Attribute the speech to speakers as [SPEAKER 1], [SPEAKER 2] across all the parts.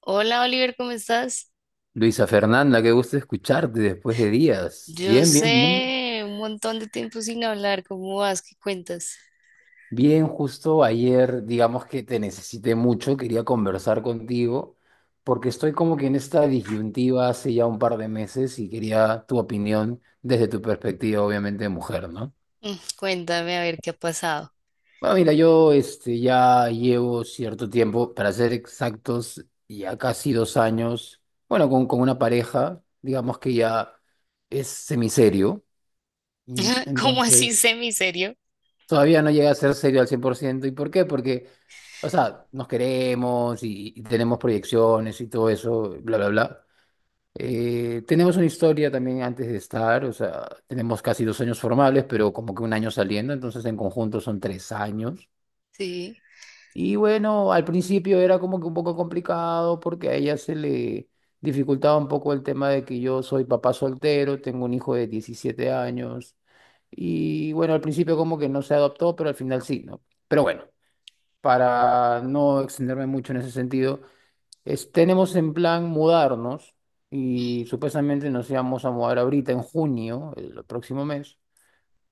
[SPEAKER 1] Hola, Oliver, ¿cómo estás?
[SPEAKER 2] Luisa Fernanda, qué gusto escucharte después de días.
[SPEAKER 1] Yo
[SPEAKER 2] Bien, bien, bien.
[SPEAKER 1] sé, un montón de tiempo sin hablar. ¿Cómo vas? ¿Qué cuentas?
[SPEAKER 2] Bien, justo ayer, digamos que te necesité mucho, quería conversar contigo, porque estoy como que en esta disyuntiva hace ya un par de meses y quería tu opinión desde tu perspectiva, obviamente, de mujer, ¿no?
[SPEAKER 1] Mm, cuéntame a ver qué ha pasado.
[SPEAKER 2] Bueno, mira, yo este, ya llevo cierto tiempo, para ser exactos, ya casi dos años, bueno, con una pareja, digamos que ya es semiserio.
[SPEAKER 1] ¿Cómo
[SPEAKER 2] Entonces,
[SPEAKER 1] así semiserio?
[SPEAKER 2] todavía no llega a ser serio al cien por ciento. ¿Y por qué? Porque, o sea, nos queremos y tenemos proyecciones y todo eso, bla, bla, bla. Tenemos una historia también antes de estar, o sea, tenemos casi dos años formales, pero como que un año saliendo, entonces en conjunto son tres años.
[SPEAKER 1] Sí.
[SPEAKER 2] Y bueno, al principio era como que un poco complicado porque a ella se le dificultaba un poco el tema de que yo soy papá soltero, tengo un hijo de 17 años. Y bueno, al principio como que no se adoptó, pero al final sí, ¿no? Pero bueno, para no extenderme mucho en ese sentido, tenemos en plan mudarnos y supuestamente nos íbamos a mudar ahorita en junio, el próximo mes.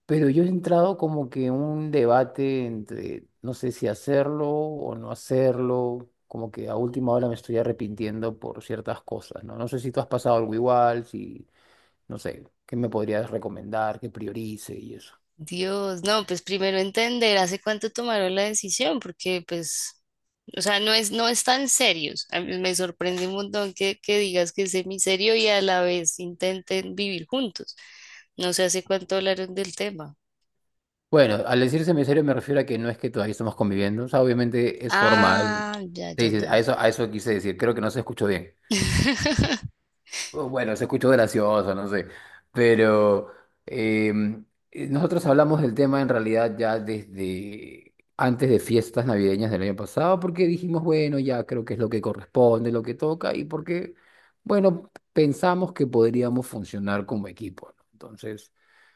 [SPEAKER 2] Pero yo he entrado como que en un debate entre no sé si hacerlo o no hacerlo, como que a última hora me estoy arrepintiendo por ciertas cosas, ¿no? No sé si tú has pasado algo igual, si, no sé, ¿qué me podrías recomendar, que priorice y eso?
[SPEAKER 1] Dios, no, pues primero entender hace cuánto tomaron la decisión, porque pues, o sea, no es tan serios. A mí me sorprende un montón que digas que es semiserio y a la vez intenten vivir juntos. No sé hace cuánto hablaron del tema.
[SPEAKER 2] Bueno, al decir serio me refiero a que no es que todavía estamos conviviendo, o sea, obviamente es formal.
[SPEAKER 1] Ah, ya, ya,
[SPEAKER 2] Sí, sí, a
[SPEAKER 1] ya.
[SPEAKER 2] eso, a eso quise decir, creo que no se escuchó bien. Oh, bueno, se escuchó gracioso, no sé, pero em, nosotros hablamos del tema en realidad ya desde antes de fiestas navideñas del año pasado, porque dijimos, bueno, ya creo que es lo que corresponde, lo que toca, y porque, bueno, pensamos que podríamos funcionar como equipo, ¿no? Entonces,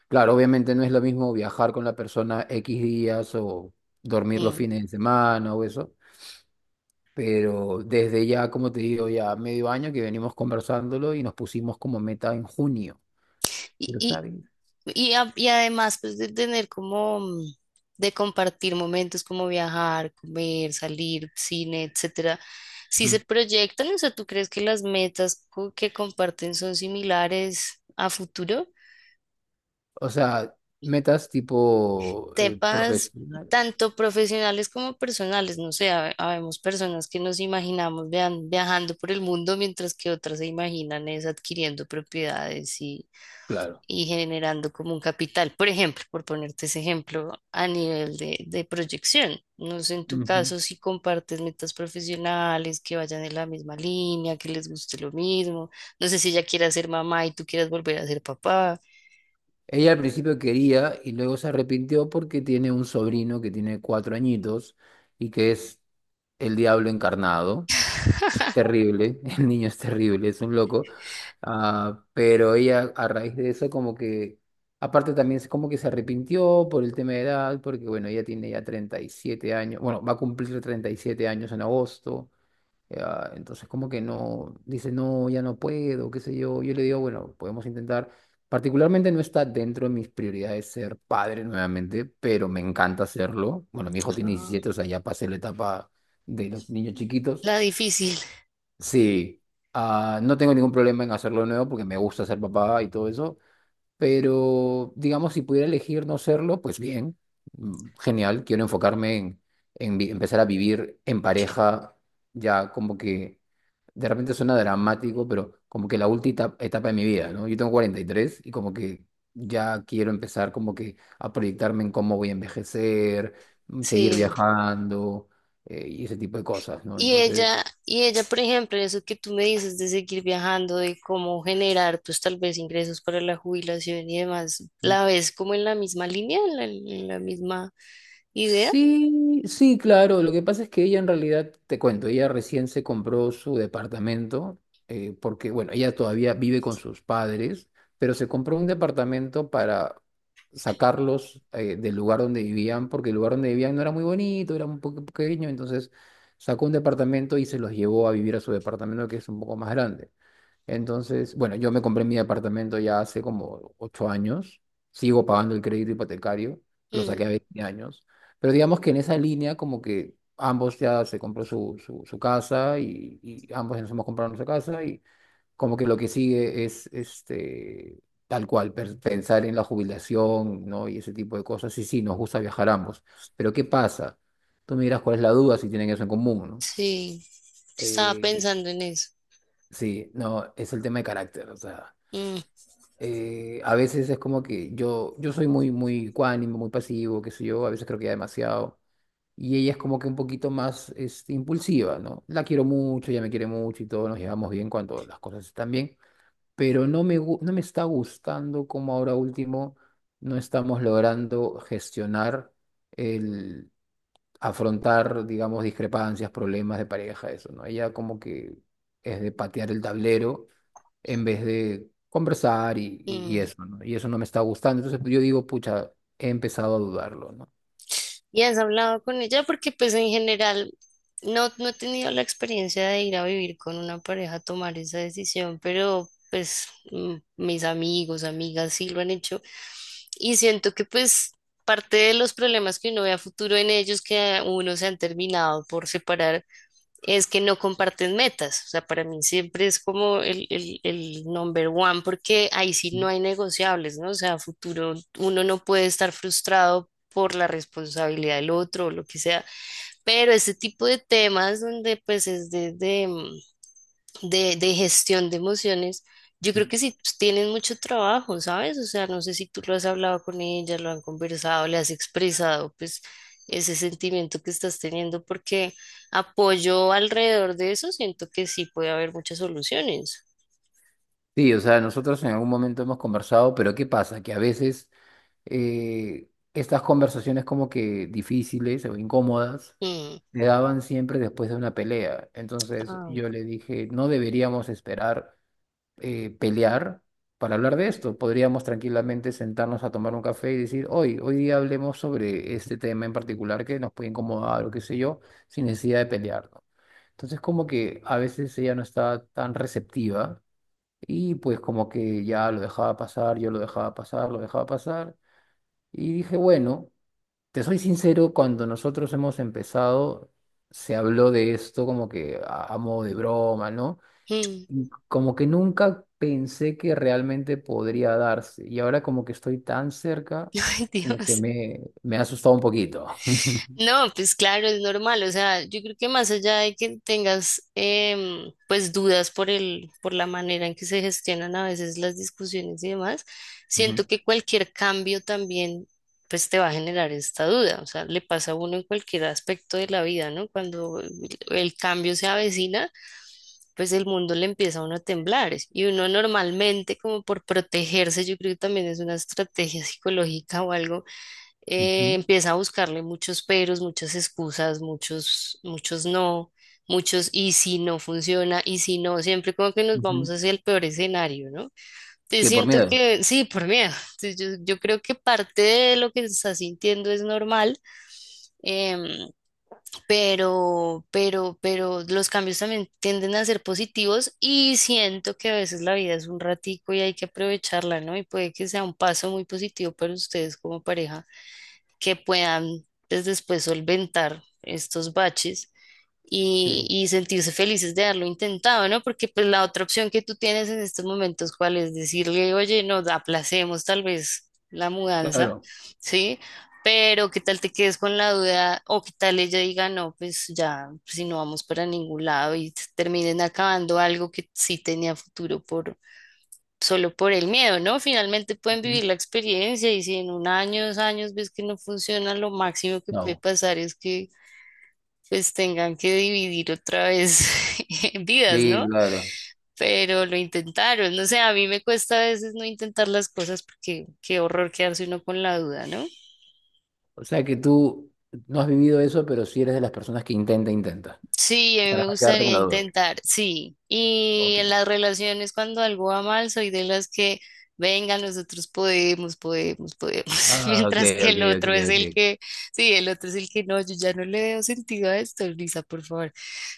[SPEAKER 2] claro, obviamente no es lo mismo viajar con la persona X días o dormir los
[SPEAKER 1] Mm.
[SPEAKER 2] fines de semana o eso, pero desde ya, como te digo, ya medio año que venimos conversándolo y nos pusimos como meta en junio.
[SPEAKER 1] Y,
[SPEAKER 2] ¿Pero
[SPEAKER 1] y,
[SPEAKER 2] sabes?
[SPEAKER 1] y además, pues, de tener como, de compartir momentos como viajar, comer, salir, cine, etcétera. Si
[SPEAKER 2] Mm.
[SPEAKER 1] se proyectan, o sea, ¿tú crees que las metas que comparten son similares a futuro?
[SPEAKER 2] O sea, metas tipo
[SPEAKER 1] Temas
[SPEAKER 2] profesional,
[SPEAKER 1] tanto profesionales como personales. No sé, habemos personas que nos imaginamos viajando por el mundo, mientras que otras se imaginan es adquiriendo propiedades
[SPEAKER 2] claro.
[SPEAKER 1] y generando como un capital. Por ejemplo, por ponerte ese ejemplo a nivel de proyección. No sé, en tu
[SPEAKER 2] Ujú.
[SPEAKER 1] caso, si compartes metas profesionales, que vayan en la misma línea, que les guste lo mismo. No sé si ella quiera ser mamá y tú quieras volver a ser papá.
[SPEAKER 2] Ella al principio quería y luego se arrepintió porque tiene un sobrino que tiene 4 añitos y que es el diablo encarnado. Terrible, el niño es terrible, es un loco. Ah, pero ella a raíz de eso como que, aparte también es como que se arrepintió por el tema de edad, porque bueno, ella tiene ya 37 años, bueno, va a cumplir 37 años en agosto, ah, entonces como que no, dice, no, ya no puedo, qué sé yo, yo le digo, bueno, podemos intentar, particularmente no está dentro de mis prioridades ser padre nuevamente, pero me encanta hacerlo, bueno, mi hijo tiene
[SPEAKER 1] Ah,
[SPEAKER 2] 17, o sea, ya pasé la etapa de los niños chiquitos.
[SPEAKER 1] la difícil,
[SPEAKER 2] Sí, ah, no tengo ningún problema en hacerlo de nuevo porque me gusta ser papá y todo eso, pero digamos, si pudiera elegir no serlo, pues bien, genial, quiero enfocarme en empezar a vivir en pareja, ya como que de repente suena dramático, pero como que la última etapa, etapa de mi vida, ¿no? Yo tengo 43 y tres y como que ya quiero empezar como que a proyectarme en cómo voy a envejecer, seguir
[SPEAKER 1] sí.
[SPEAKER 2] viajando, y ese tipo de cosas, ¿no?
[SPEAKER 1] Y
[SPEAKER 2] Entonces.
[SPEAKER 1] ella, y ella, por ejemplo, eso que tú me dices de seguir viajando, de cómo generar, pues, tal vez, ingresos para la jubilación y demás, ¿la ves como en la misma línea, en la misma idea?
[SPEAKER 2] Sí, sí, claro. Lo que pasa es que ella en realidad, te cuento, ella recién se compró su departamento, porque, bueno, ella todavía vive con sus padres, pero se compró un departamento para sacarlos, del lugar donde vivían, porque el lugar donde vivían no era muy bonito, era un poco pequeño, entonces sacó un departamento y se los llevó a vivir a su departamento, que es un poco más grande. Entonces, bueno, yo me compré mi apartamento ya hace como 8 años, sigo pagando el crédito hipotecario, lo saqué a 20 años, pero digamos que en esa línea como que ambos ya se compró su casa y ambos nos hemos comprado nuestra casa y como que lo que sigue es este, tal cual, pensar en la jubilación, ¿no? Y ese tipo de cosas. Y sí, nos gusta viajar ambos, pero ¿qué pasa? Tú me dirás cuál es la duda si tienen eso en común, ¿no?
[SPEAKER 1] Sí, estaba
[SPEAKER 2] Eh,
[SPEAKER 1] pensando en eso.
[SPEAKER 2] Sí, no, es el tema de carácter, o sea,
[SPEAKER 1] Mm,
[SPEAKER 2] a veces es como que yo soy muy, muy ecuánime, muy pasivo, qué sé yo, a veces creo que ya demasiado. Y ella es como que un poquito más este, impulsiva, ¿no? La quiero mucho, ella me quiere mucho y todo, nos llevamos bien cuando las cosas están bien, pero no me está gustando como ahora último no estamos logrando gestionar el afrontar, digamos, discrepancias, problemas de pareja, eso, ¿no? Ella como que es de patear el tablero en vez de conversar y
[SPEAKER 1] mm.
[SPEAKER 2] eso, ¿no? Y eso no me está gustando. Entonces pues, yo digo, pucha, he empezado a dudarlo, ¿no?
[SPEAKER 1] ¿Y has hablado con ella? Porque, pues, en general no he tenido la experiencia de ir a vivir con una pareja, a tomar esa decisión, pero pues, mis amigos, amigas, sí lo han hecho. Y siento que, pues, parte de los problemas que uno ve a futuro en ellos que a uno se han terminado por separar es que no comparten metas. O sea, para mí siempre es como el number one, porque ahí sí no hay negociables, ¿no? O sea, a futuro uno no puede estar frustrado por la responsabilidad del otro o lo que sea. Pero ese tipo de temas donde pues es desde de gestión de emociones, yo creo que sí, pues, tienen mucho trabajo, ¿sabes? O sea, no sé si tú lo has hablado con ella, lo han conversado, le has expresado, pues, ese sentimiento que estás teniendo, porque apoyo alrededor de eso, siento que sí puede haber muchas soluciones.
[SPEAKER 2] Sí, o sea, nosotros en algún momento hemos conversado, pero ¿qué pasa? Que a veces estas conversaciones como que difíciles o incómodas
[SPEAKER 1] Mm.
[SPEAKER 2] se daban siempre después de una pelea. Entonces
[SPEAKER 1] Ah.
[SPEAKER 2] yo le dije, no deberíamos esperar pelear para hablar de esto. Podríamos tranquilamente sentarnos a tomar un café y decir, hoy día hablemos sobre este tema en particular que nos puede incomodar o qué sé yo, sin necesidad de pelear, ¿no? Entonces, como que a veces ella no está tan receptiva y pues como que ya lo dejaba pasar, yo lo dejaba pasar, lo dejaba pasar. Y dije, bueno, te soy sincero, cuando nosotros hemos empezado, se habló de esto como que a modo de broma, ¿no?
[SPEAKER 1] Mm.
[SPEAKER 2] Y como que nunca pensé que realmente podría darse. Y ahora como que estoy tan cerca,
[SPEAKER 1] Ay,
[SPEAKER 2] como que
[SPEAKER 1] Dios.
[SPEAKER 2] me ha asustado un poquito.
[SPEAKER 1] No, pues claro, es normal. O sea, yo creo que más allá de que tengas pues, dudas por el, por la manera en que se gestionan a veces las discusiones y demás, siento
[SPEAKER 2] Ujú,
[SPEAKER 1] que cualquier cambio también pues te va a generar esta duda. O sea, le pasa a uno en cualquier aspecto de la vida, ¿no? Cuando el cambio se avecina, pues el mundo le empieza a uno a temblar. Y uno normalmente como por protegerse, yo creo que también es una estrategia psicológica o algo,
[SPEAKER 2] ujú,
[SPEAKER 1] empieza a buscarle muchos peros, muchas excusas, muchos, muchos no, muchos y si no funciona, y si no, siempre como que nos vamos
[SPEAKER 2] ujú.
[SPEAKER 1] hacia el peor escenario, ¿no? Te
[SPEAKER 2] Que por
[SPEAKER 1] siento
[SPEAKER 2] miedo.
[SPEAKER 1] que sí, por miedo. Entonces, yo creo que parte de lo que estás sintiendo es normal, em, pero los cambios también tienden a ser positivos, y siento que a veces la vida es un ratico y hay que aprovecharla, ¿no? Y puede que sea un paso muy positivo para ustedes como pareja, que puedan, pues, después solventar estos baches y,
[SPEAKER 2] Sí,
[SPEAKER 1] y sentirse felices de haberlo intentado, ¿no? Porque pues la otra opción que tú tienes en estos momentos, ¿cuál es? Decirle, oye, nos aplacemos tal vez la mudanza,
[SPEAKER 2] claro.
[SPEAKER 1] ¿sí? Pero qué tal te quedes con la duda, o qué tal ella diga, no, pues ya, si no vamos para ningún lado, y terminen acabando algo que sí tenía futuro por, solo por el miedo, ¿no? Finalmente pueden
[SPEAKER 2] Ujú.
[SPEAKER 1] vivir la experiencia, y si en un año, 2 años ves que no funciona, lo máximo que puede
[SPEAKER 2] No.
[SPEAKER 1] pasar es que pues tengan que dividir otra vez vidas,
[SPEAKER 2] Sí,
[SPEAKER 1] ¿no?
[SPEAKER 2] claro.
[SPEAKER 1] Pero lo intentaron. No sé, a mí me cuesta a veces no intentar las cosas, porque qué horror quedarse uno con la duda, ¿no?
[SPEAKER 2] O sea que tú no has vivido eso, pero sí eres de las personas que intenta, intenta.
[SPEAKER 1] Sí, a mí
[SPEAKER 2] Para
[SPEAKER 1] me
[SPEAKER 2] no quedarte con
[SPEAKER 1] gustaría
[SPEAKER 2] la duda.
[SPEAKER 1] intentar, sí. Y
[SPEAKER 2] Ok.
[SPEAKER 1] en las relaciones, cuando algo va mal, soy de las que, venga, nosotros podemos, podemos, podemos,
[SPEAKER 2] Ah, ok,
[SPEAKER 1] mientras que
[SPEAKER 2] ok,
[SPEAKER 1] el
[SPEAKER 2] ok,
[SPEAKER 1] otro es
[SPEAKER 2] ok.
[SPEAKER 1] el que, sí, el otro es el que no, yo ya no le veo sentido a esto, Lisa, por favor.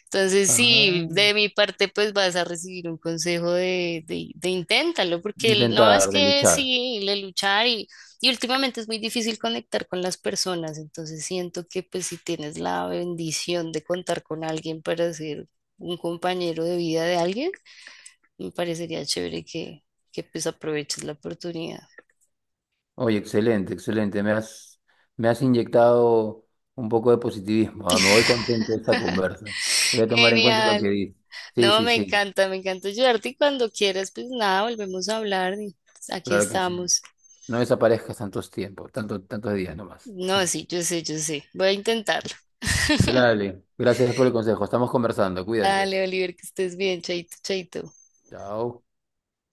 [SPEAKER 1] Entonces, sí,
[SPEAKER 2] Ah,
[SPEAKER 1] de mi parte, pues, vas a recibir un consejo de, de inténtalo,
[SPEAKER 2] de
[SPEAKER 1] porque el- no es
[SPEAKER 2] intentar, de
[SPEAKER 1] que
[SPEAKER 2] luchar.
[SPEAKER 1] sí, le luchar, y últimamente es muy difícil conectar con las personas. Entonces, siento que pues si tienes la bendición de contar con alguien para ser un compañero de vida de alguien, me parecería chévere que pues aproveches la oportunidad.
[SPEAKER 2] Oye, excelente, excelente. Me has inyectado un poco de positivismo. Ah, me voy contento de esta conversa. Voy a tomar en cuenta lo que
[SPEAKER 1] Genial.
[SPEAKER 2] dices. Sí,
[SPEAKER 1] No,
[SPEAKER 2] sí, sí,
[SPEAKER 1] me encanta ayudarte, y cuando quieras, pues nada, volvemos a hablar y aquí
[SPEAKER 2] claro que sí.
[SPEAKER 1] estamos.
[SPEAKER 2] No desaparezcas tantos tiempos, tanto, tantos días nomás.
[SPEAKER 1] No, sí, yo sé, yo sé. Voy a intentarlo.
[SPEAKER 2] Dale, gracias por el consejo. Estamos conversando. Cuídate.
[SPEAKER 1] Dale, Oliver, que estés bien, chaito, chaito.
[SPEAKER 2] Chao.